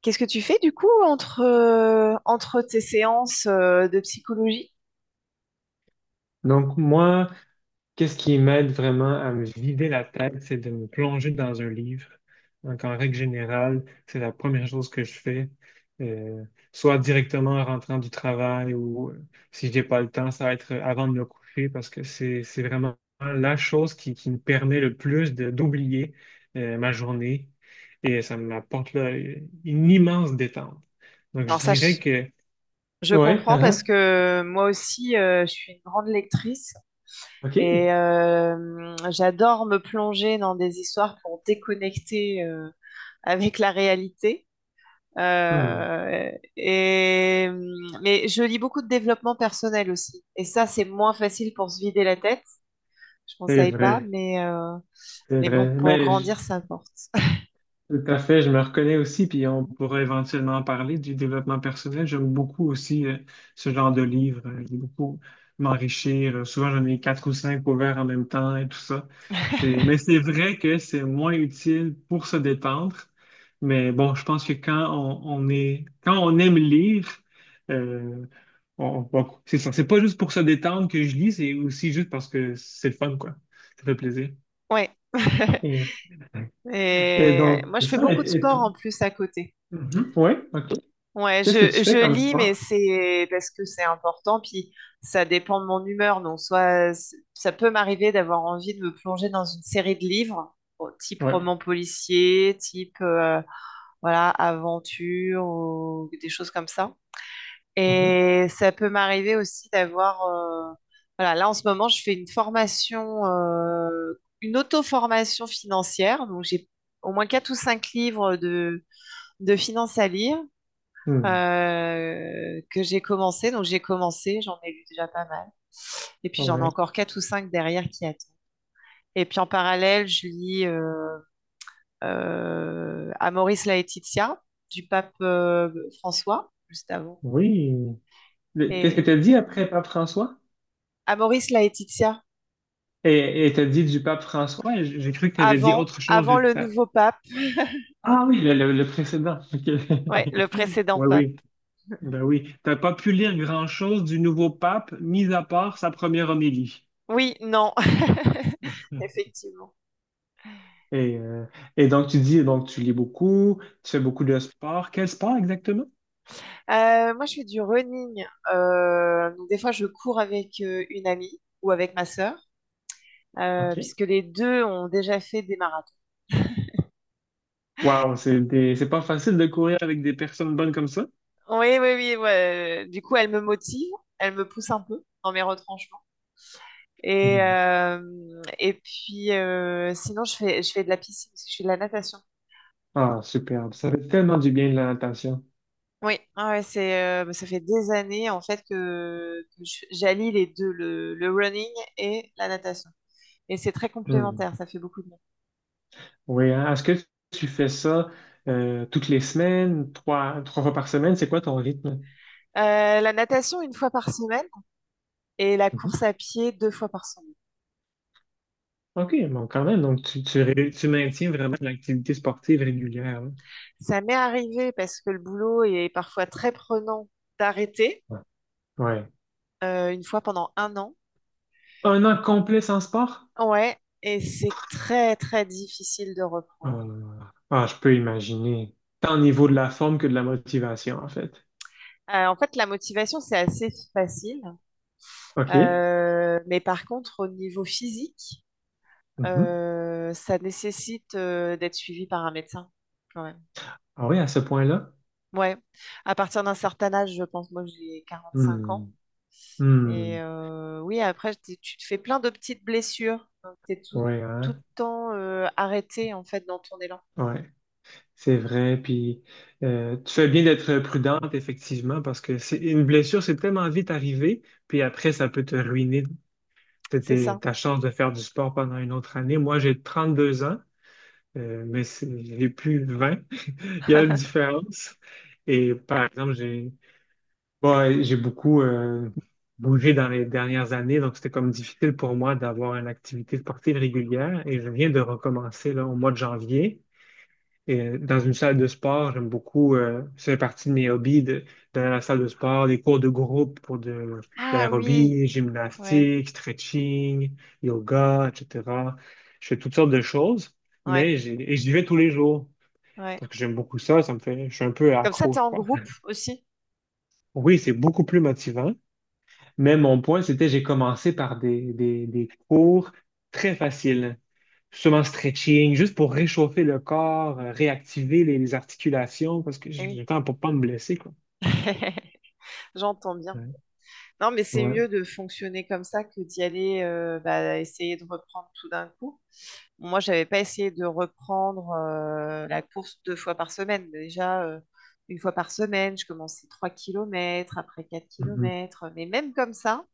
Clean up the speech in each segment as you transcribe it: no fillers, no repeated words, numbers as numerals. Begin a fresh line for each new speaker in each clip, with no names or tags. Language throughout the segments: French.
Qu'est-ce que tu fais du coup entre tes séances de psychologie?
Donc, moi, qu'est-ce qui m'aide vraiment à me vider la tête, c'est de me plonger dans un livre. Donc, en règle générale, c'est la première chose que je fais, euh, soit directement en rentrant du travail ou si j'ai pas le temps, ça va être avant de me coucher parce que c'est vraiment la chose qui me permet le plus d'oublier, ma journée et ça m'apporte là, une immense détente. Donc, je
Alors ça, je,
dirais que,
je
ouais,
comprends
ah,
parce que moi aussi, je suis une grande lectrice
ah, OK.
et j'adore me plonger dans des histoires pour déconnecter avec la réalité.
Hmm,
Euh, et, mais je lis beaucoup de développement personnel aussi. Et ça, c'est moins facile pour se vider la tête. Je ne
c'est
conseille pas,
vrai.
mais, euh,
C'est
mais bon,
vrai.
pour grandir, ça importe.
Tout à fait, je me reconnais aussi, puis on pourrait éventuellement en parler du développement personnel. J'aime beaucoup aussi ce genre de livre. J'aime beaucoup m'enrichir. Souvent, j'en ai quatre ou cinq ouverts en même temps et tout ça. Mais c'est vrai que c'est moins utile pour se détendre. Mais bon, je pense que quand on quand on aime lire, euh, bon, c'est ça. C'est pas juste pour se détendre que je lis, c'est aussi juste parce que c'est le fun, quoi. Ça fait plaisir.
Ouais.
Et- et
Et
donc,
moi, je
c'est
fais
ça.
beaucoup de sport en plus à côté.
Mhm. Oui, OK.
Ouais,
Qu'est-ce que
je,
tu fais
je
comme
lis, mais
sport?
c'est parce que c'est important, puis ça dépend de mon humeur. Donc, soit ça peut m'arriver d'avoir envie de me plonger dans une série de livres, bon, type
Oui.
roman policier, type voilà, aventure ou des choses comme ça.
Mhm.
Et ça peut m'arriver aussi d'avoir voilà, là en ce moment, je fais une formation, une auto-formation financière. Donc, j'ai au moins quatre ou cinq livres de finance à lire
Mhm.
que j'ai commencé. Donc j'ai commencé, j'en ai lu déjà pas mal. Et puis j'en ai
Ouais.
encore quatre ou cinq derrière qui attendent. Et puis en parallèle, je lis Amoris Laetitia du pape François, juste avant.
Oui. Qu'est-ce que
Et
tu as dit après pape François?
Amoris Laetitia,
Et tu as dit du pape François? J'ai cru que tu avais dit
avant,
autre chose.
avant le nouveau pape,
Ah oui, le précédent. OK.
ouais, le précédent
Oui,
pape.
oui. Ben oui. T'as pas pu lire grand-chose du nouveau pape, mis à part sa première homélie.
Oui, non, effectivement.
Et, euh, et donc, tu dis, donc, tu lis beaucoup, tu fais beaucoup de sport. Quel sport exactement?
Moi, je fais du running. Donc des fois, je cours avec une amie ou avec ma sœur,
OK.
puisque les deux ont déjà fait des marathons.
Waouh, c'est pas facile de courir avec des personnes bonnes comme ça.
Oui, oui, oui. Ouais. Du coup, elle me motive, elle me pousse un peu dans mes retranchements. Et,
Mhm.
euh, et puis, sinon, je fais de la piscine, parce que je fais de la natation.
Ah, superbe. Ça fait tellement du bien de la natation.
Oui, ah ouais, ça fait des années, en fait, j'allie les deux, le running et la natation. Et c'est très
Hmm.
complémentaire, ça fait beaucoup de bien.
Oui, hein. Est-ce que tu fais ça toutes les semaines, trois fois par semaine? C'est quoi ton rythme?
La natation une fois par semaine et la
Mhm.
course à pied deux fois par semaine.
OK, bon, quand même. Donc, tu maintiens vraiment une activité sportive régulière. Hein.
Ça m'est arrivé parce que le boulot est parfois très prenant d'arrêter
Ouais. Ouais.
une fois pendant un an.
Un an complet sans sport?
Ouais, et c'est très très difficile de reprendre.
Euh, ah, je peux imaginer. Tant au niveau de la forme que de la motivation, en fait.
En fait, la motivation, c'est assez facile.
OK.
Mais par contre, au niveau physique,
Mhm.
ça nécessite d'être suivi par un médecin quand même.
Ah oui, à ce point-là?
Ouais, à partir d'un certain âge, je pense, moi j'ai 45 ans.
Hmm.
Et
Hmm,
oui, après, tu te fais plein de petites blessures. Tu es tout,
ouais,
tout le
hein,
temps arrêté, en fait, dans ton élan.
ouais, c'est vrai. Puis tu fais bien d'être prudente, effectivement, parce que c'est une blessure, c'est tellement vite arrivé, puis après, ça peut te ruiner
C'est ça.
ta chance de faire du sport pendant une autre année. Moi, j'ai 32 ans, mais j'ai plus 20 Il y a une différence. Et par exemple, j'ai bon, j'ai beaucoup bougé dans les dernières années, donc c'était comme difficile pour moi d'avoir une activité sportive régulière. Et je viens de recommencer là, au mois de janvier. Et dans une salle de sport, j'aime beaucoup, ça fait partie de mes hobbies, d'aller à la salle de sport, les cours de groupe pour de
Ah oui,
l'aérobie,
ouais,
gymnastique, stretching, yoga, etc. Je fais toutes sortes de choses,
ouais,
et j'y vais tous les jours
ouais.
parce que j'aime beaucoup ça, ça me fait, je suis un peu
Comme ça,
accro,
tu es
je
en
crois.
groupe aussi.
Oui, c'est beaucoup plus motivant, mais mon point, c'était j'ai commencé par des cours très faciles. Justement, stretching, juste pour réchauffer le corps, réactiver les articulations, parce que j'ai
Eh
le
oui,
temps pour pas me blesser, quoi.
j'entends bien.
Ouais.
Non, mais c'est
Ouais.
mieux de fonctionner comme ça que d'y aller, bah, essayer de reprendre tout d'un coup. Moi, j'avais pas essayé de reprendre la course deux fois par semaine. Mais déjà, une fois par semaine, je commençais 3 kilomètres, après quatre
Mhm.
kilomètres. Mais même comme ça,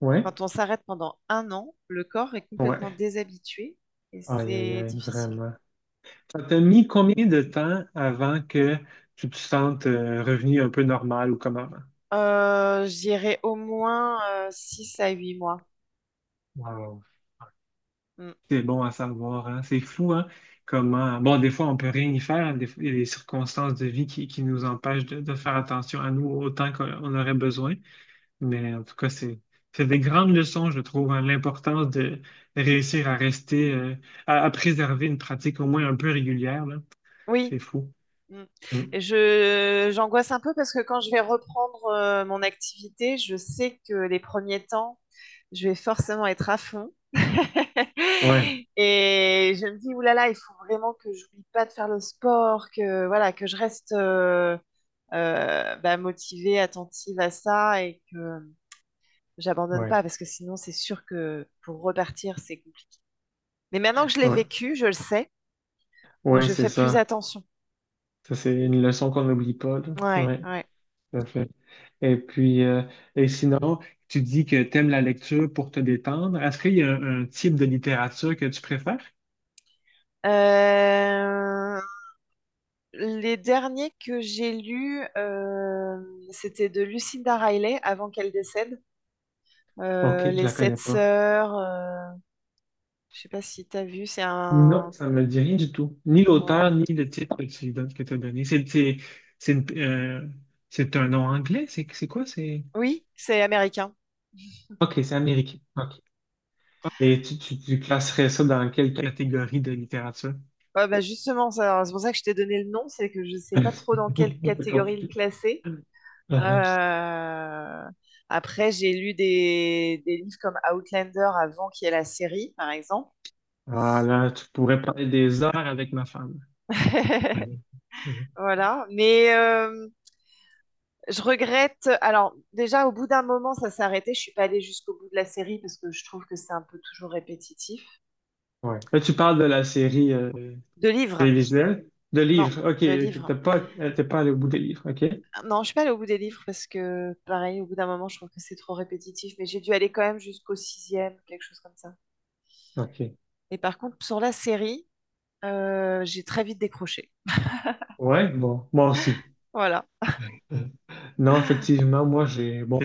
Ouais.
quand on s'arrête pendant un an, le corps est
Ouais.
complètement
Ouais.
déshabitué et
Aïe, aïe,
c'est
aïe,
difficile.
vraiment. Ça t'a mis combien de temps avant que tu te sentes revenu un peu normal ou comme avant?
J'irai au moins 6 à 8 mois.
Wow.
Mm.
C'est bon à savoir, hein? C'est fou, hein? Comment. Bon, des fois, on peut rien y faire. Hein. Des fois, il y a des circonstances de vie qui nous empêchent de faire attention à nous autant qu'on aurait besoin. Mais en tout cas, c'est des grandes leçons, je trouve, hein, l'importance de réussir à rester, à préserver une pratique au moins un peu régulière, là.
Oui.
C'est fou.
Mm.
Mm.
Et j'angoisse un peu parce que quand je vais reprendre mon activité, je sais que les premiers temps, je vais forcément être à fond.
Ouais,
Et je me dis, oulala, il faut vraiment que j'oublie pas de faire le sport, que voilà, que je reste bah, motivée, attentive à ça et que j'abandonne
ouais,
pas parce que sinon, c'est sûr que pour repartir, c'est compliqué. Mais maintenant que je l'ai
ouais,
vécu, je le sais, donc
ouais,
je
c'est
fais plus
ça.
attention.
Ça, c'est une leçon qu'on n'oublie pas, là.
Ouais,
Ouais,
ouais.
tout à fait. Et puis, et sinon, tu dis que tu aimes la lecture pour te détendre. Est-ce qu'il y a un type de littérature que tu préfères?
Euh, Les derniers que j'ai lus, c'était de Lucinda Riley avant qu'elle décède.
Ok, je
Les
la connais
Sept
pas.
Sœurs, je sais pas si t'as vu, c'est
Non,
un...
ça ne me dit rien du tout. Ni
Voilà.
l'auteur, ni le titre que t'as donné. C'est une- euh, c'est un nom anglais? C'est quoi?
Oui, c'est américain.
OK, c'est américain. OK. Et tu classerais ça dans quelle catégorie de littérature?
Ouais, bah justement, c'est pour ça que je t'ai donné le nom, c'est que je sais pas trop dans quelle
C'est
catégorie le
compliqué.
classer.
Ah ah.
Euh, Après, j'ai lu des livres comme Outlander avant qu'il y ait la série, par exemple.
Ah, là, tu pourrais parler des heures avec ma femme. Mhm. Mhm.
Voilà, mais je regrette. Alors, déjà, au bout d'un moment, ça s'est arrêté. Je suis pas allée jusqu'au bout de la série parce que je trouve que c'est un peu toujours répétitif.
Ouais. Là, tu parles de la série
De livres?
télévisuelle, de
Non,
livres. OK,
de
ok.
livres.
T'es pas allé au bout des livres. OK?
Non, je suis pas allée au bout des livres parce que, pareil, au bout d'un moment, je trouve que c'est trop répétitif. Mais j'ai dû aller quand même jusqu'au sixième, quelque chose comme ça.
OK.
Et par contre, sur la série, j'ai très vite décroché.
Ouais, bon, moi aussi.
Voilà.
Non, effectivement, moi j'ai bon,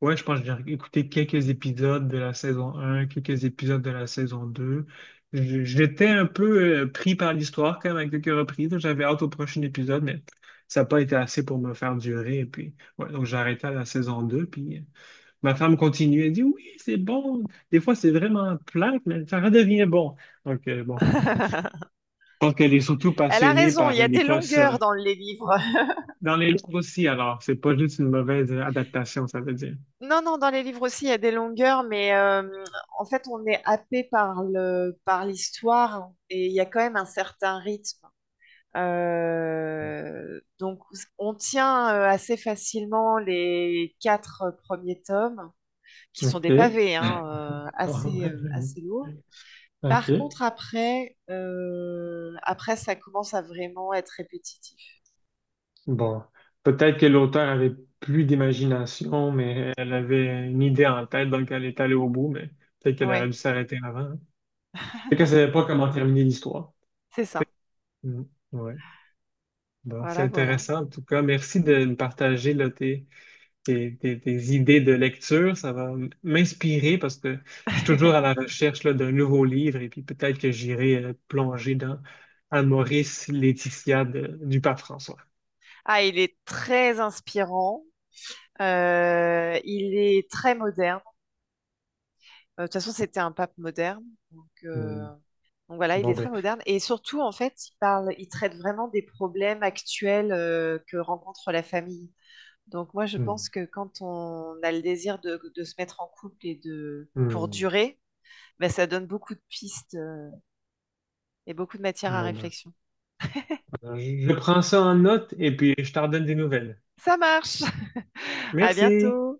ouais, je pense que j'ai écouté quelques épisodes de la saison 1, quelques épisodes de la saison 2. J'étais un peu pris par l'histoire quand même à quelques reprises. J'avais hâte au prochain épisode, mais ça n'a pas été assez pour me faire durer. Et puis, ouais, donc j'ai arrêté à la saison 2. Puis ma femme continue. Elle dit oui, c'est bon. Des fois, c'est vraiment plate, mais ça redevient bon. Donc, bon. Je pense qu'elle est surtout
Elle a
passionnée
raison, il
par
y a des
l'Écosse.
longueurs dans les livres.
Dans les livres aussi, alors, c'est pas juste une mauvaise adaptation, ça veut dire.
Non, non, dans les livres aussi, il y a des longueurs, mais en fait, on est happé par l'histoire et il y a quand même un certain rythme. Donc, on tient assez facilement les quatre premiers tomes, qui sont des
OK.
pavés, hein, euh, assez, euh, assez lourds.
OK.
Par contre, après, ça commence à vraiment être répétitif.
Bon, peut-être que l'auteur avait plus d'imagination, mais elle avait une idée en tête, donc elle est allée au bout, mais peut-être qu'elle aurait
Oui,
dû s'arrêter avant. Hein. Peut-être qu'elle savait pas comment terminer l'histoire.
c'est ça.
Mm. Ouais. Bon, c'est
Voilà, voilà.
intéressant en tout cas. Merci de me partager là, tes, tes idées de lecture. Ça va m'inspirer parce que je suis toujours à la recherche là, d'un nouveau livre et puis peut-être que j'irai plonger dans Maurice Laetitia du pape François.
Ah, il est très inspirant. Il est très moderne. De toute façon, c'était un pape moderne. Donc,
Hmm.
euh, donc voilà, il
Bon
est
ben,
très moderne. Et surtout, en fait, il traite vraiment des problèmes actuels que rencontre la famille. Donc moi, je
hmm.
pense que quand on a le désir de se mettre en couple et de pour
Hmm.
durer, ben, ça donne beaucoup de pistes et beaucoup de matière à
Bon ben,
réflexion.
je prends ça en note et puis je t'en donne des nouvelles.
Ça marche. À
Merci.
bientôt.